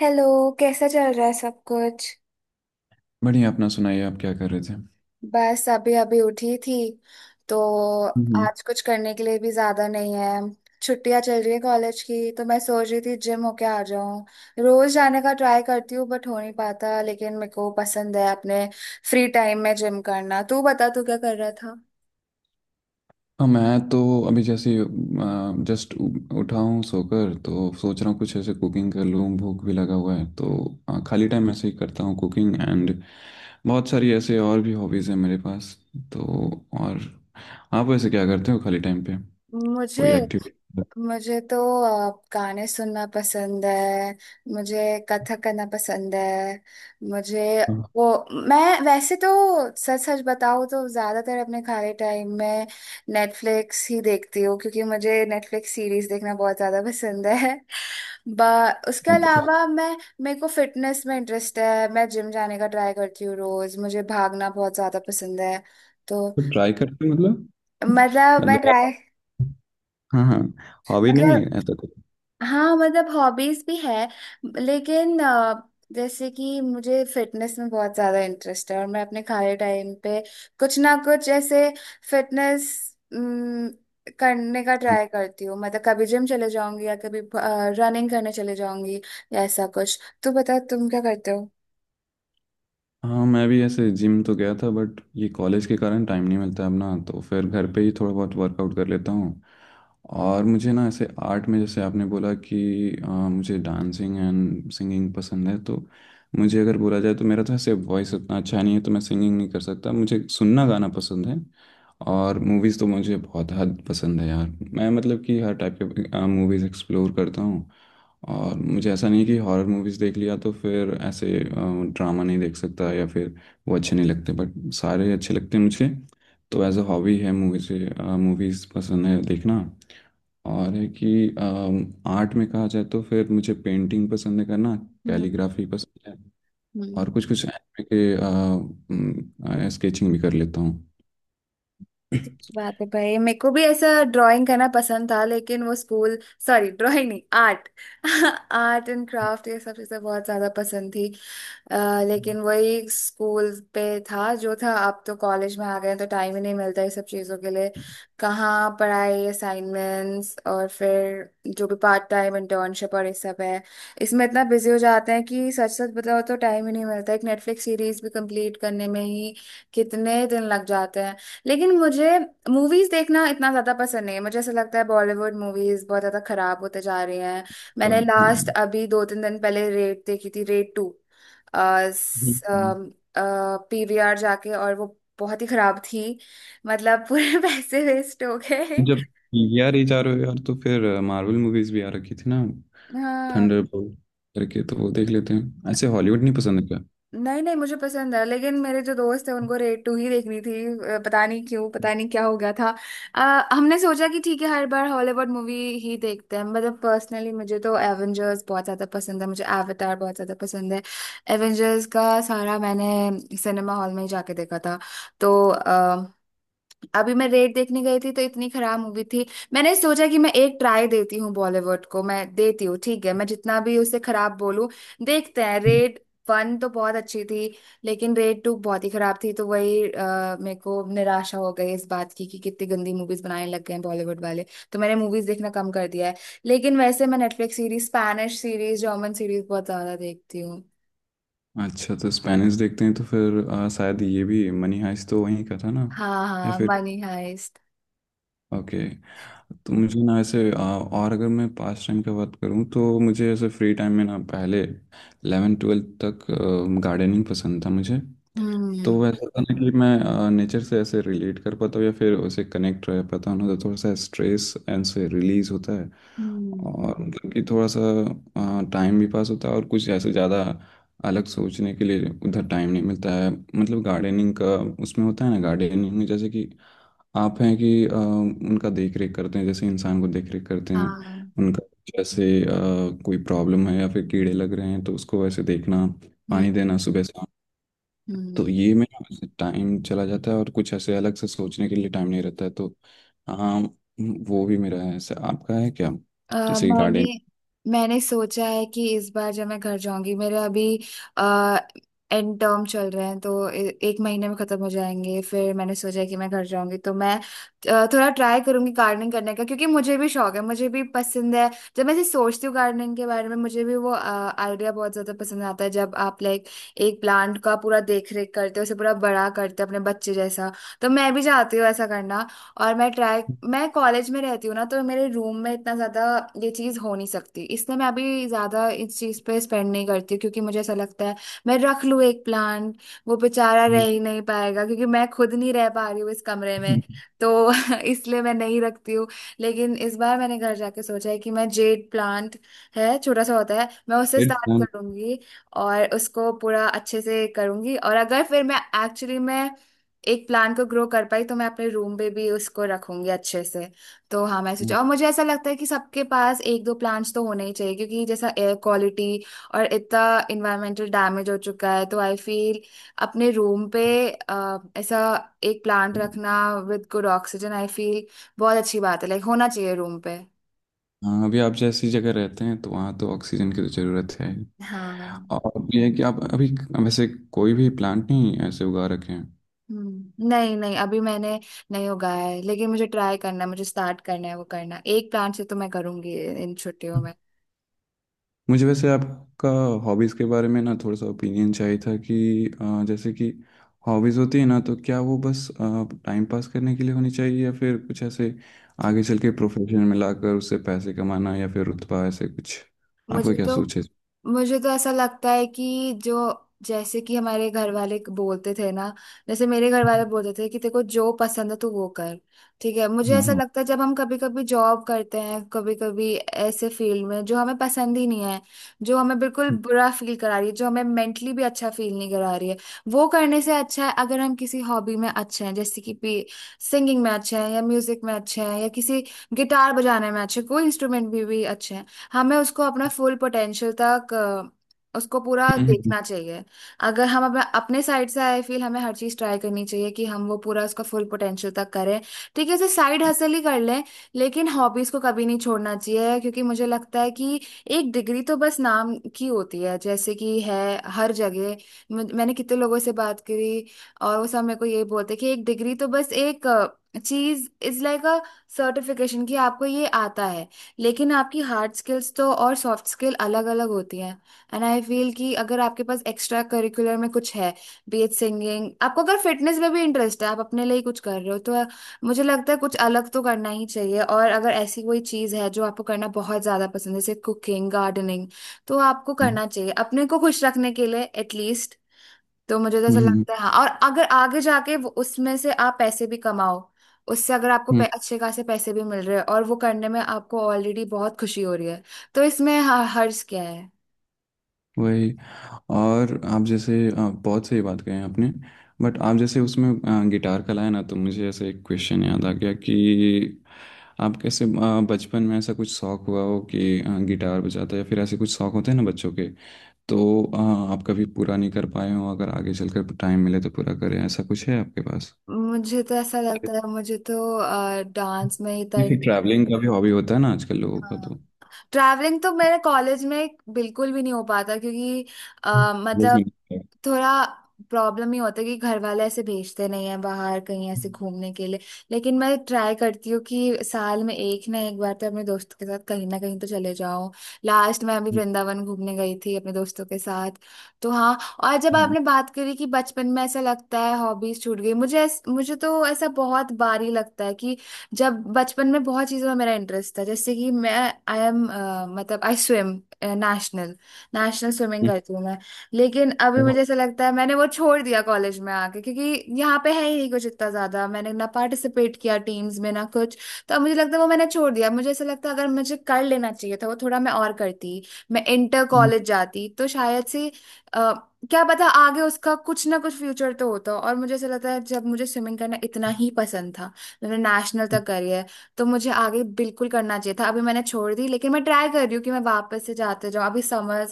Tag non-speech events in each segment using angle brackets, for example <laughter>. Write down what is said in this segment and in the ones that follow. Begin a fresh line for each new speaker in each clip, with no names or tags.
Hello. कैसा चल रहा है सब कुछ।
बढ़िया। अपना सुनाइए, आप क्या कर रहे थे?
बस अभी अभी उठी थी तो
हम्म।
आज कुछ करने के लिए भी ज्यादा नहीं है। छुट्टियां चल रही है कॉलेज की, तो मैं सोच रही थी जिम होके आ जाऊं। रोज जाने का ट्राई करती हूँ बट हो नहीं पाता, लेकिन मेरे को पसंद है अपने फ्री टाइम में जिम करना। तू बता, तू क्या कर रहा था।
हाँ, मैं तो अभी जैसे जस्ट उठा हूँ सोकर, तो सोच रहा हूँ कुछ ऐसे कुकिंग कर लूँ, भूख भी लगा हुआ है तो खाली टाइम ऐसे ही करता हूँ कुकिंग एंड बहुत सारी ऐसे और भी हॉबीज़ हैं मेरे पास तो। और आप वैसे क्या करते हो खाली टाइम पे? कोई
मुझे
एक्टिविटी?
मुझे तो गाने सुनना पसंद है। मुझे कथक करना पसंद है। मुझे वो मैं वैसे तो सच सच बताऊँ तो ज़्यादातर अपने खाली टाइम में नेटफ्लिक्स ही देखती हूँ, क्योंकि मुझे नेटफ्लिक्स सीरीज देखना बहुत ज़्यादा पसंद है। <laughs> बा उसके
अच्छा,
अलावा मैं मेरे को फिटनेस में इंटरेस्ट है। मैं जिम जाने का ट्राई करती हूँ रोज़। मुझे भागना बहुत ज़्यादा पसंद है, तो
तो ट्राई करते हो मतलब? <laughs>
मतलब मैं
मतलब आप-
ट्राई
हाँ हाँ, हॉबी नहीं है
मतलब
ऐसा कुछ?
हाँ, मतलब हॉबीज भी है। लेकिन जैसे कि मुझे फिटनेस में बहुत ज्यादा इंटरेस्ट है, और मैं अपने खाली टाइम पे कुछ ना कुछ ऐसे फिटनेस करने का ट्राई करती हूँ। मतलब कभी जिम चले जाऊंगी या कभी रनिंग करने चले जाऊंगी या ऐसा कुछ। तू बता, तुम क्या करते हो।
हाँ, मैं भी ऐसे जिम तो गया था बट ये कॉलेज के कारण टाइम नहीं मिलता है अब ना, तो फिर घर पे ही थोड़ा बहुत वर्कआउट कर लेता हूँ। और मुझे ना ऐसे आर्ट में, जैसे आपने बोला कि मुझे डांसिंग एंड सिंगिंग पसंद है तो मुझे अगर बोला जाए तो मेरा तो ऐसे वॉइस उतना अच्छा नहीं है, तो मैं सिंगिंग नहीं कर सकता, मुझे सुनना गाना पसंद है। और मूवीज़ तो मुझे बहुत हद पसंद है यार, मैं मतलब कि हर टाइप के मूवीज़ एक्सप्लोर करता हूँ। और मुझे ऐसा नहीं कि हॉरर मूवीज़ देख लिया तो फिर ऐसे ड्रामा नहीं देख सकता या फिर वो अच्छे नहीं लगते, बट सारे अच्छे लगते हैं मुझे। तो एज अ हॉबी है मूवीज़। मूवीज़ पसंद है देखना। और है कि आर्ट में कहा जाए तो फिर मुझे पेंटिंग पसंद है करना।
हम्म।
कैलीग्राफी पसंद है और
हम्म
कुछ कुछ एनिमे के स्केचिंग भी कर लेता हूँ।
कितनी अच्छी बात है भाई। मेरे को भी ऐसा ड्राइंग करना पसंद था, लेकिन वो स्कूल, सॉरी, ड्राइंग नहीं, आर्ट, आर्ट एंड क्राफ्ट। <laughs> ये सब चीज़ें बहुत ज़्यादा पसंद थी। लेकिन वही स्कूल पे था जो था, अब तो कॉलेज में आ गए हैं, तो टाइम ही नहीं मिलता ये सब चीज़ों के लिए।
<clears throat>
कहाँ पढ़ाई, असाइनमेंट्स, और फिर जो भी पार्ट टाइम इंटर्नशिप और ये सब है। इसमें इतना बिजी हो जाते हैं कि सच सच बताओ तो टाइम ही नहीं मिलता। एक नेटफ्लिक्स सीरीज भी कंप्लीट करने में ही कितने दिन लग जाते हैं। लेकिन मुझे मूवीज देखना इतना ज्यादा पसंद नहीं है। मुझे ऐसा लगता है बॉलीवुड मूवीज बहुत ज्यादा खराब होते जा रही हैं। मैंने लास्ट
हाँ।
अभी दो तीन दिन पहले रेड देखी थी, रेड टू,
हम्म।
पीवीआर जाके, और वो बहुत ही खराब थी। मतलब पूरे <laughs> पैसे वेस्ट हो गए।
जब यार ये जा रहे हो यार, तो फिर मार्वल मूवीज भी आ रखी थी ना,
हाँ।
थंडरबोल्ट करके, तो वो देख लेते हैं। ऐसे हॉलीवुड नहीं पसंद है क्या?
नहीं नहीं, मुझे पसंद है, लेकिन मेरे जो दोस्त है उनको रेड टू ही देखनी थी। पता नहीं क्यों, पता नहीं क्या हो गया था। हमने सोचा कि ठीक है, हर बार हॉलीवुड मूवी ही देखते हैं। मतलब पर्सनली मुझे तो एवेंजर्स बहुत ज़्यादा पसंद है, मुझे एवेटार बहुत ज़्यादा पसंद है। एवेंजर्स का सारा मैंने सिनेमा हॉल में ही जाके देखा था। तो अभी मैं रेड देखने गई थी, तो इतनी खराब मूवी थी। मैंने सोचा कि मैं एक ट्राई देती हूँ बॉलीवुड को, मैं देती हूँ ठीक है, मैं जितना भी उसे खराब बोलूं। देखते हैं, रेड वन तो बहुत अच्छी थी, लेकिन रेड टू बहुत ही खराब थी। तो वही मेरे को निराशा हो गई इस बात की कि कितनी गंदी मूवीज बनाने लग गए हैं बॉलीवुड वाले। तो मैंने मूवीज देखना कम कर दिया है। लेकिन वैसे मैं Netflix series, Spanish series, German series बहुत ज्यादा देखती हूँ।
अच्छा, तो स्पेनिश देखते हैं तो फिर शायद ये भी, मनी हाइस्ट तो वहीं का था ना?
हाँ
या
हाँ,
फिर?
Money Heist.
ओके। तो मुझे ना ऐसे और अगर मैं पास टाइम का बात करूँ तो मुझे ऐसे फ्री टाइम में ना पहले 11 ट्वेल्थ तक गार्डनिंग पसंद था मुझे। तो
हम्म।
वैसा था ना कि मैं नेचर से ऐसे रिलेट कर पाता हूँ या फिर उसे कनेक्ट रह पाता हूँ ना, तो थोड़ा सा स्ट्रेस एंड से रिलीज होता है।
हम्म।
और मतलब कि थोड़ा सा टाइम भी पास होता है और कुछ ऐसे ज़्यादा अलग सोचने के लिए उधर टाइम नहीं मिलता है, मतलब गार्डनिंग का। उसमें होता है ना गार्डनिंग में, जैसे कि आप हैं कि उनका देख रेख करते हैं, जैसे इंसान को देख रेख करते हैं
हाँ।
उनका। जैसे कोई प्रॉब्लम है या फिर कीड़े लग रहे हैं तो उसको वैसे देखना,
हम्म।
पानी देना सुबह शाम। तो
हम्म।
ये मेरा टाइम चला जाता है और कुछ ऐसे अलग से सोचने के लिए टाइम नहीं रहता है, तो हाँ, वो भी मेरा है ऐसे। आपका है क्या,
अ
जैसे
मैंने
गार्डन?
मैंने सोचा है कि इस बार जब मैं घर जाऊंगी, मेरे अभी आ, एंड टर्म चल रहे हैं, तो एक महीने में खत्म हो जाएंगे। फिर मैंने सोचा है कि मैं घर जाऊंगी तो मैं थोड़ा ट्राई करूंगी गार्डनिंग करने का, क्योंकि मुझे भी शौक है, मुझे भी पसंद है। जब मैं ऐसे सोचती हूँ गार्डनिंग के बारे में, मुझे भी वो आइडिया बहुत ज्यादा पसंद आता है, जब आप लाइक एक प्लांट का पूरा देख रेख करते हो, उसे पूरा बड़ा करते हो अपने बच्चे जैसा। तो मैं भी चाहती हूँ ऐसा करना। और मैं कॉलेज में रहती हूँ ना, तो मेरे रूम में इतना ज़्यादा ये चीज़ हो नहीं सकती, इसलिए मैं अभी ज़्यादा इस चीज़ पे स्पेंड नहीं करती हूँ, क्योंकि मुझे ऐसा लगता है मैं रख लूँ एक प्लांट, वो बेचारा रह ही नहीं पाएगा, क्योंकि मैं खुद नहीं रह पा रही हूँ इस कमरे में। तो <laughs> इसलिए मैं नहीं रखती हूँ। लेकिन इस बार मैंने घर जाके सोचा है कि मैं जेड प्लांट है, छोटा सा होता है, मैं उससे स्टार्ट करूंगी और उसको पूरा अच्छे से करूंगी। और अगर फिर मैं एक्चुअली में एक प्लान को ग्रो कर पाई, तो मैं अपने रूम पे भी उसको रखूंगी अच्छे से। तो हाँ, मैं सोचा, और मुझे ऐसा लगता है कि सबके पास एक दो प्लांट्स तो होने ही चाहिए, क्योंकि जैसा एयर क्वालिटी और इतना इन्वायरमेंटल डैमेज हो चुका है, तो आई फील अपने रूम पे ऐसा एक प्लांट रखना with good oxygen, I feel बहुत अच्छी बात है। लाइक होना चाहिए रूम पे।
हाँ, अभी आप जैसी जगह रहते हैं तो वहाँ तो ऑक्सीजन की तो ज़रूरत है।
हाँ।
और ये है कि आप अभी वैसे कोई भी प्लांट नहीं ऐसे उगा रखे हैं?
हम्म। नहीं नहीं, अभी मैंने नहीं उगाया है, लेकिन मुझे ट्राई करना है, मुझे स्टार्ट करना है, वो करना एक प्लांट से तो मैं करूंगी इन छुट्टियों में।
मुझे वैसे आपका हॉबीज़ के बारे में ना थोड़ा सा ओपिनियन चाहिए था कि जैसे कि हॉबीज़ होती है ना, तो क्या वो बस टाइम पास करने के लिए होनी चाहिए या फिर कुछ ऐसे आगे चल के प्रोफेशन में लाकर उससे पैसे कमाना या फिर रुतबा ऐसे कुछ? आपका
मुझे
क्या
तो
सोच है?
मुझे तो ऐसा लगता है कि जो जैसे कि हमारे घर वाले बोलते थे ना, जैसे मेरे घर वाले बोलते थे कि तेरे को जो पसंद है तू वो कर। ठीक है। मुझे
हाँ
ऐसा
हाँ।
लगता है जब हम कभी कभी जॉब करते हैं, कभी कभी ऐसे फील्ड में जो हमें पसंद ही नहीं है, जो हमें बिल्कुल
हम्म।
बुरा फील करा रही है, जो हमें मेंटली भी अच्छा फील नहीं करा रही है, वो करने से अच्छा है अगर हम किसी हॉबी में अच्छे हैं। जैसे कि सिंगिंग में अच्छे हैं या म्यूजिक में अच्छे हैं या किसी गिटार बजाने में अच्छे, कोई इंस्ट्रूमेंट भी अच्छे हैं। हमें उसको अपना फुल पोटेंशियल तक उसको पूरा
हम्म।
देखना चाहिए। अगर हम अपना अपने साइड से आई फील हमें हर चीज ट्राई करनी चाहिए कि हम वो पूरा उसका फुल पोटेंशियल तक करें। ठीक है, उसे साइड हसल ही कर लें, लेकिन हॉबीज को कभी नहीं छोड़ना चाहिए, क्योंकि मुझे लगता है कि एक डिग्री तो बस नाम की होती है, जैसे कि है हर जगह। मैंने कितने लोगों से बात करी, और वो सब मेरे को यही बोलते कि एक डिग्री तो बस एक चीज इज लाइक अ सर्टिफिकेशन कि आपको ये आता है। लेकिन आपकी हार्ड स्किल्स तो और सॉफ्ट स्किल अलग अलग होती हैं। एंड आई फील कि अगर आपके पास एक्स्ट्रा करिकुलर में कुछ है, बी एच सिंगिंग, आपको अगर फिटनेस में भी इंटरेस्ट है, आप अपने लिए ही कुछ कर रहे हो, तो मुझे लगता है कुछ अलग तो करना ही चाहिए। और अगर ऐसी कोई चीज़ है जो आपको करना बहुत ज़्यादा पसंद है, जैसे कुकिंग, गार्डनिंग, तो आपको करना चाहिए अपने को खुश रखने के लिए एटलीस्ट। तो मुझे तो
हम्म।
ऐसा लगता है। हाँ, और अगर आगे जाके वो उसमें से आप पैसे भी कमाओ, उससे अगर आपको
हम्म।
अच्छे खासे पैसे भी मिल रहे हैं और वो करने में आपको ऑलरेडी बहुत खुशी हो रही है, तो इसमें हर्ज क्या है।
वही। और आप जैसे बहुत सही बात कही आपने, बट आप जैसे उसमें गिटार का लाया ना, तो मुझे ऐसे एक क्वेश्चन याद आ गया कि आप कैसे बचपन में ऐसा कुछ शौक हुआ हो कि गिटार बजाते या फिर ऐसे कुछ शौक होते हैं ना बच्चों के, तो आप कभी पूरा नहीं कर पाए हो, अगर आगे चलकर टाइम मिले तो पूरा करें, ऐसा कुछ है आपके पास?
मुझे तो ऐसा लगता है। मुझे तो डांस में ही
या
तर
फिर ट्रैवलिंग का भी हॉबी होता है ना आजकल लोगों का, तो
हाँ। ट्रैवलिंग तो मेरे कॉलेज में बिल्कुल भी नहीं हो पाता, क्योंकि
कॉलेज में
मतलब
नहीं है।
थोड़ा प्रॉब्लम ही होता है कि घर वाले ऐसे भेजते नहीं है बाहर कहीं ऐसे घूमने के लिए। लेकिन मैं ट्राई करती हूँ कि साल में एक ना एक बार तो अपने दोस्तों के साथ कहीं ना कहीं तो चले जाऊं। लास्ट मैं अभी वृंदावन घूमने गई थी अपने दोस्तों के साथ, तो हाँ। और जब
हाँ।
आपने बात करी कि बचपन में ऐसा लगता है हॉबीज छूट गई, मुझे तो ऐसा बहुत बार ही लगता है कि जब बचपन में बहुत चीज़ों में मेरा इंटरेस्ट था। जैसे कि मैं आई एम मतलब I swim national. National swimming करती हूँ मैं। लेकिन अभी मुझे ऐसा लगता है मैंने वो छोड़ दिया कॉलेज में आके, क्योंकि यहाँ पे है ही नहीं कुछ इतना ज्यादा, मैंने ना पार्टिसिपेट किया टीम्स में ना कुछ। तो अब मुझे लगता है वो मैंने छोड़ दिया। मुझे ऐसा लगता है अगर मुझे कर लेना चाहिए था, वो थोड़ा मैं और करती, मैं इंटर कॉलेज जाती तो शायद से अ, क्या पता आगे उसका कुछ ना कुछ फ्यूचर तो होता। और मुझे ऐसा लगता है जब मुझे स्विमिंग करना इतना ही पसंद था, मैंने नेशनल तक करी है, तो मुझे आगे बिल्कुल करना चाहिए था। अभी मैंने छोड़ दी, लेकिन मैं ट्राई कर रही हूँ कि मैं वापस से जाते जाऊँ। अभी समर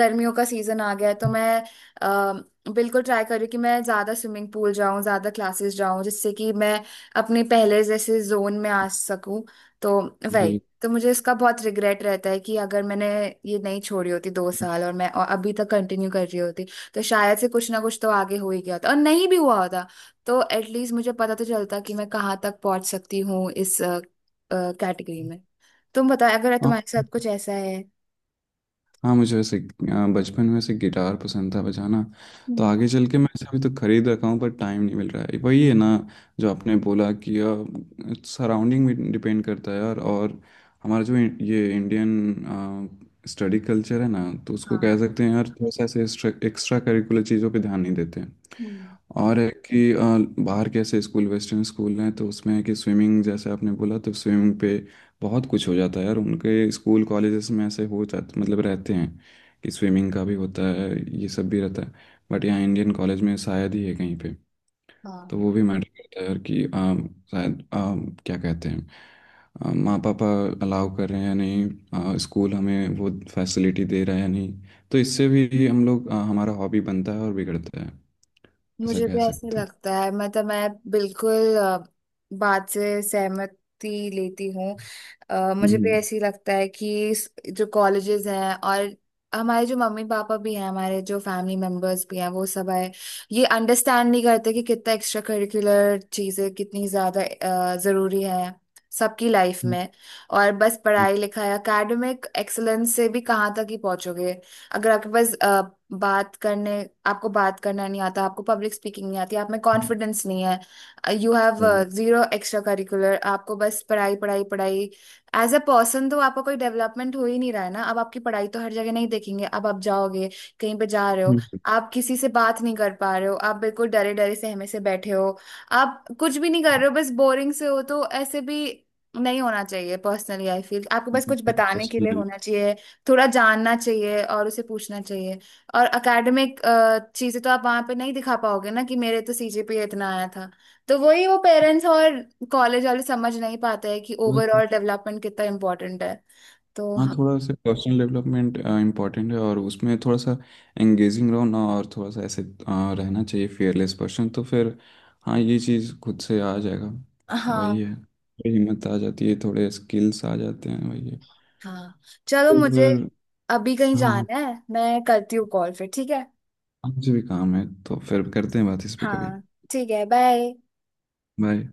गर्मियों का सीजन आ गया है, तो मैं बिल्कुल ट्राई कर रही हूँ कि मैं ज्यादा स्विमिंग पूल जाऊं, ज्यादा क्लासेस जाऊं, जिससे कि मैं अपने पहले जैसे जोन में आ सकूं। तो वही। तो मुझे इसका बहुत रिग्रेट रहता है कि अगर मैंने ये नहीं छोड़ी होती दो साल और, मैं और अभी तक कंटिन्यू कर रही होती, तो शायद से कुछ ना कुछ तो आगे हो ही गया होता, और नहीं भी हुआ होता तो एटलीस्ट मुझे पता तो चलता कि मैं कहाँ तक पहुंच सकती हूँ इस कैटेगरी में। तुम बताओ अगर
<laughs>
तुम्हारे
जी,
साथ कुछ ऐसा है।
हाँ, मुझे वैसे बचपन में वैसे गिटार पसंद था बजाना। तो
हम्म।
आगे चल के मैं ऐसे अभी तो खरीद रखा हूँ, पर टाइम नहीं मिल रहा है। वही है ना, जो आपने बोला कि सराउंडिंग में डिपेंड करता है यार। और हमारा जो ये इंडियन स्टडी कल्चर है ना, तो उसको कह सकते हैं यार, थोड़ा सा ऐसे एक्स्ट्रा करिकुलर चीज़ों पे ध्यान नहीं देते हैं।
हाँ
और है कि बाहर के ऐसे स्कूल, वेस्टर्न स्कूल हैं तो उसमें है कि स्विमिंग, जैसे आपने बोला, तो स्विमिंग पे बहुत कुछ हो जाता है यार, उनके स्कूल कॉलेजेस में ऐसे हो जाते मतलब रहते हैं कि स्विमिंग का भी होता है, ये सब भी रहता है। बट यहाँ इंडियन कॉलेज में शायद ही है कहीं पे। तो
हाँ,
वो भी मैटर करता है यार कि शायद क्या कहते हैं, माँ पापा अलाउ कर रहे हैं या नहीं, स्कूल हमें वो फैसिलिटी दे रहा है या नहीं। तो इससे भी हम लोग हमारा हॉबी बनता है और बिगड़ता है, ऐसा
मुझे
कह
भी ऐसा
सकते हैं।
लगता है। मतलब मैं बिल्कुल बात से सहमति लेती हूँ। मुझे भी
हम्म।
ऐसे ही लगता है कि जो कॉलेजेस हैं और हमारे जो मम्मी पापा भी हैं, हमारे जो फैमिली मेंबर्स भी हैं, वो सब आए, ये अंडरस्टैंड नहीं करते कि कितना एक्स्ट्रा करिकुलर चीज़ें कितनी ज़्यादा ज़रूरी है सबकी लाइफ
हम्म,
में। और बस
हम्म,
पढ़ाई लिखाई एकेडमिक एक्सेलेंस से भी कहाँ तक ही पहुँचोगे। अगर आपके पास बात करने आपको बात करना नहीं आता, आपको पब्लिक स्पीकिंग नहीं आती, आप में
हम्म,
कॉन्फिडेंस नहीं है, you have
hmm.
Zero extracurricular, आपको बस पढ़ाई पढ़ाई पढ़ाई, एज अ पर्सन तो आपका कोई डेवलपमेंट हो ही नहीं रहा है ना। अब आपकी पढ़ाई तो हर जगह नहीं देखेंगे। अब आप जाओगे कहीं पे जा रहे हो,
हम्म,
आप किसी से बात नहीं कर पा रहे हो, आप बिल्कुल डरे डरे सहमे से बैठे हो, आप कुछ भी नहीं कर रहे हो, बस बोरिंग से हो, तो ऐसे भी नहीं होना चाहिए। पर्सनली आई फील आपको बस
हम्म,
कुछ बताने के लिए
हम्म,
होना चाहिए, थोड़ा जानना चाहिए और उसे पूछना चाहिए। और अकेडमिक चीजें तो आप वहां पे नहीं दिखा पाओगे ना कि मेरे तो सीजीपीए इतना आया था। तो वही वो पेरेंट्स और कॉलेज वाले समझ नहीं पाते हैं कि
हम्म।
ओवरऑल डेवलपमेंट कितना इम्पोर्टेंट है। तो
हाँ,
हाँ।
थोड़ा सा पर्सनल डेवलपमेंट इम्पोर्टेंट है और उसमें थोड़ा सा एंगेजिंग रहो ना, और थोड़ा सा ऐसे रहना चाहिए फेयरलेस पर्सन, तो फिर हाँ, ये चीज़ खुद से आ जाएगा। वही
हाँ
है, थोड़ी हिम्मत आ जाती है, थोड़े स्किल्स आ जाते हैं, वही है।
हाँ, चलो
तो
मुझे
फिर
अभी कहीं
हाँ।
जाना है, मैं करती हूँ कॉल फिर, ठीक है।
हाँ, मुझे भी काम है, तो फिर करते हैं बात इस पे कभी।
हाँ, ठीक है, बाय।
बाय।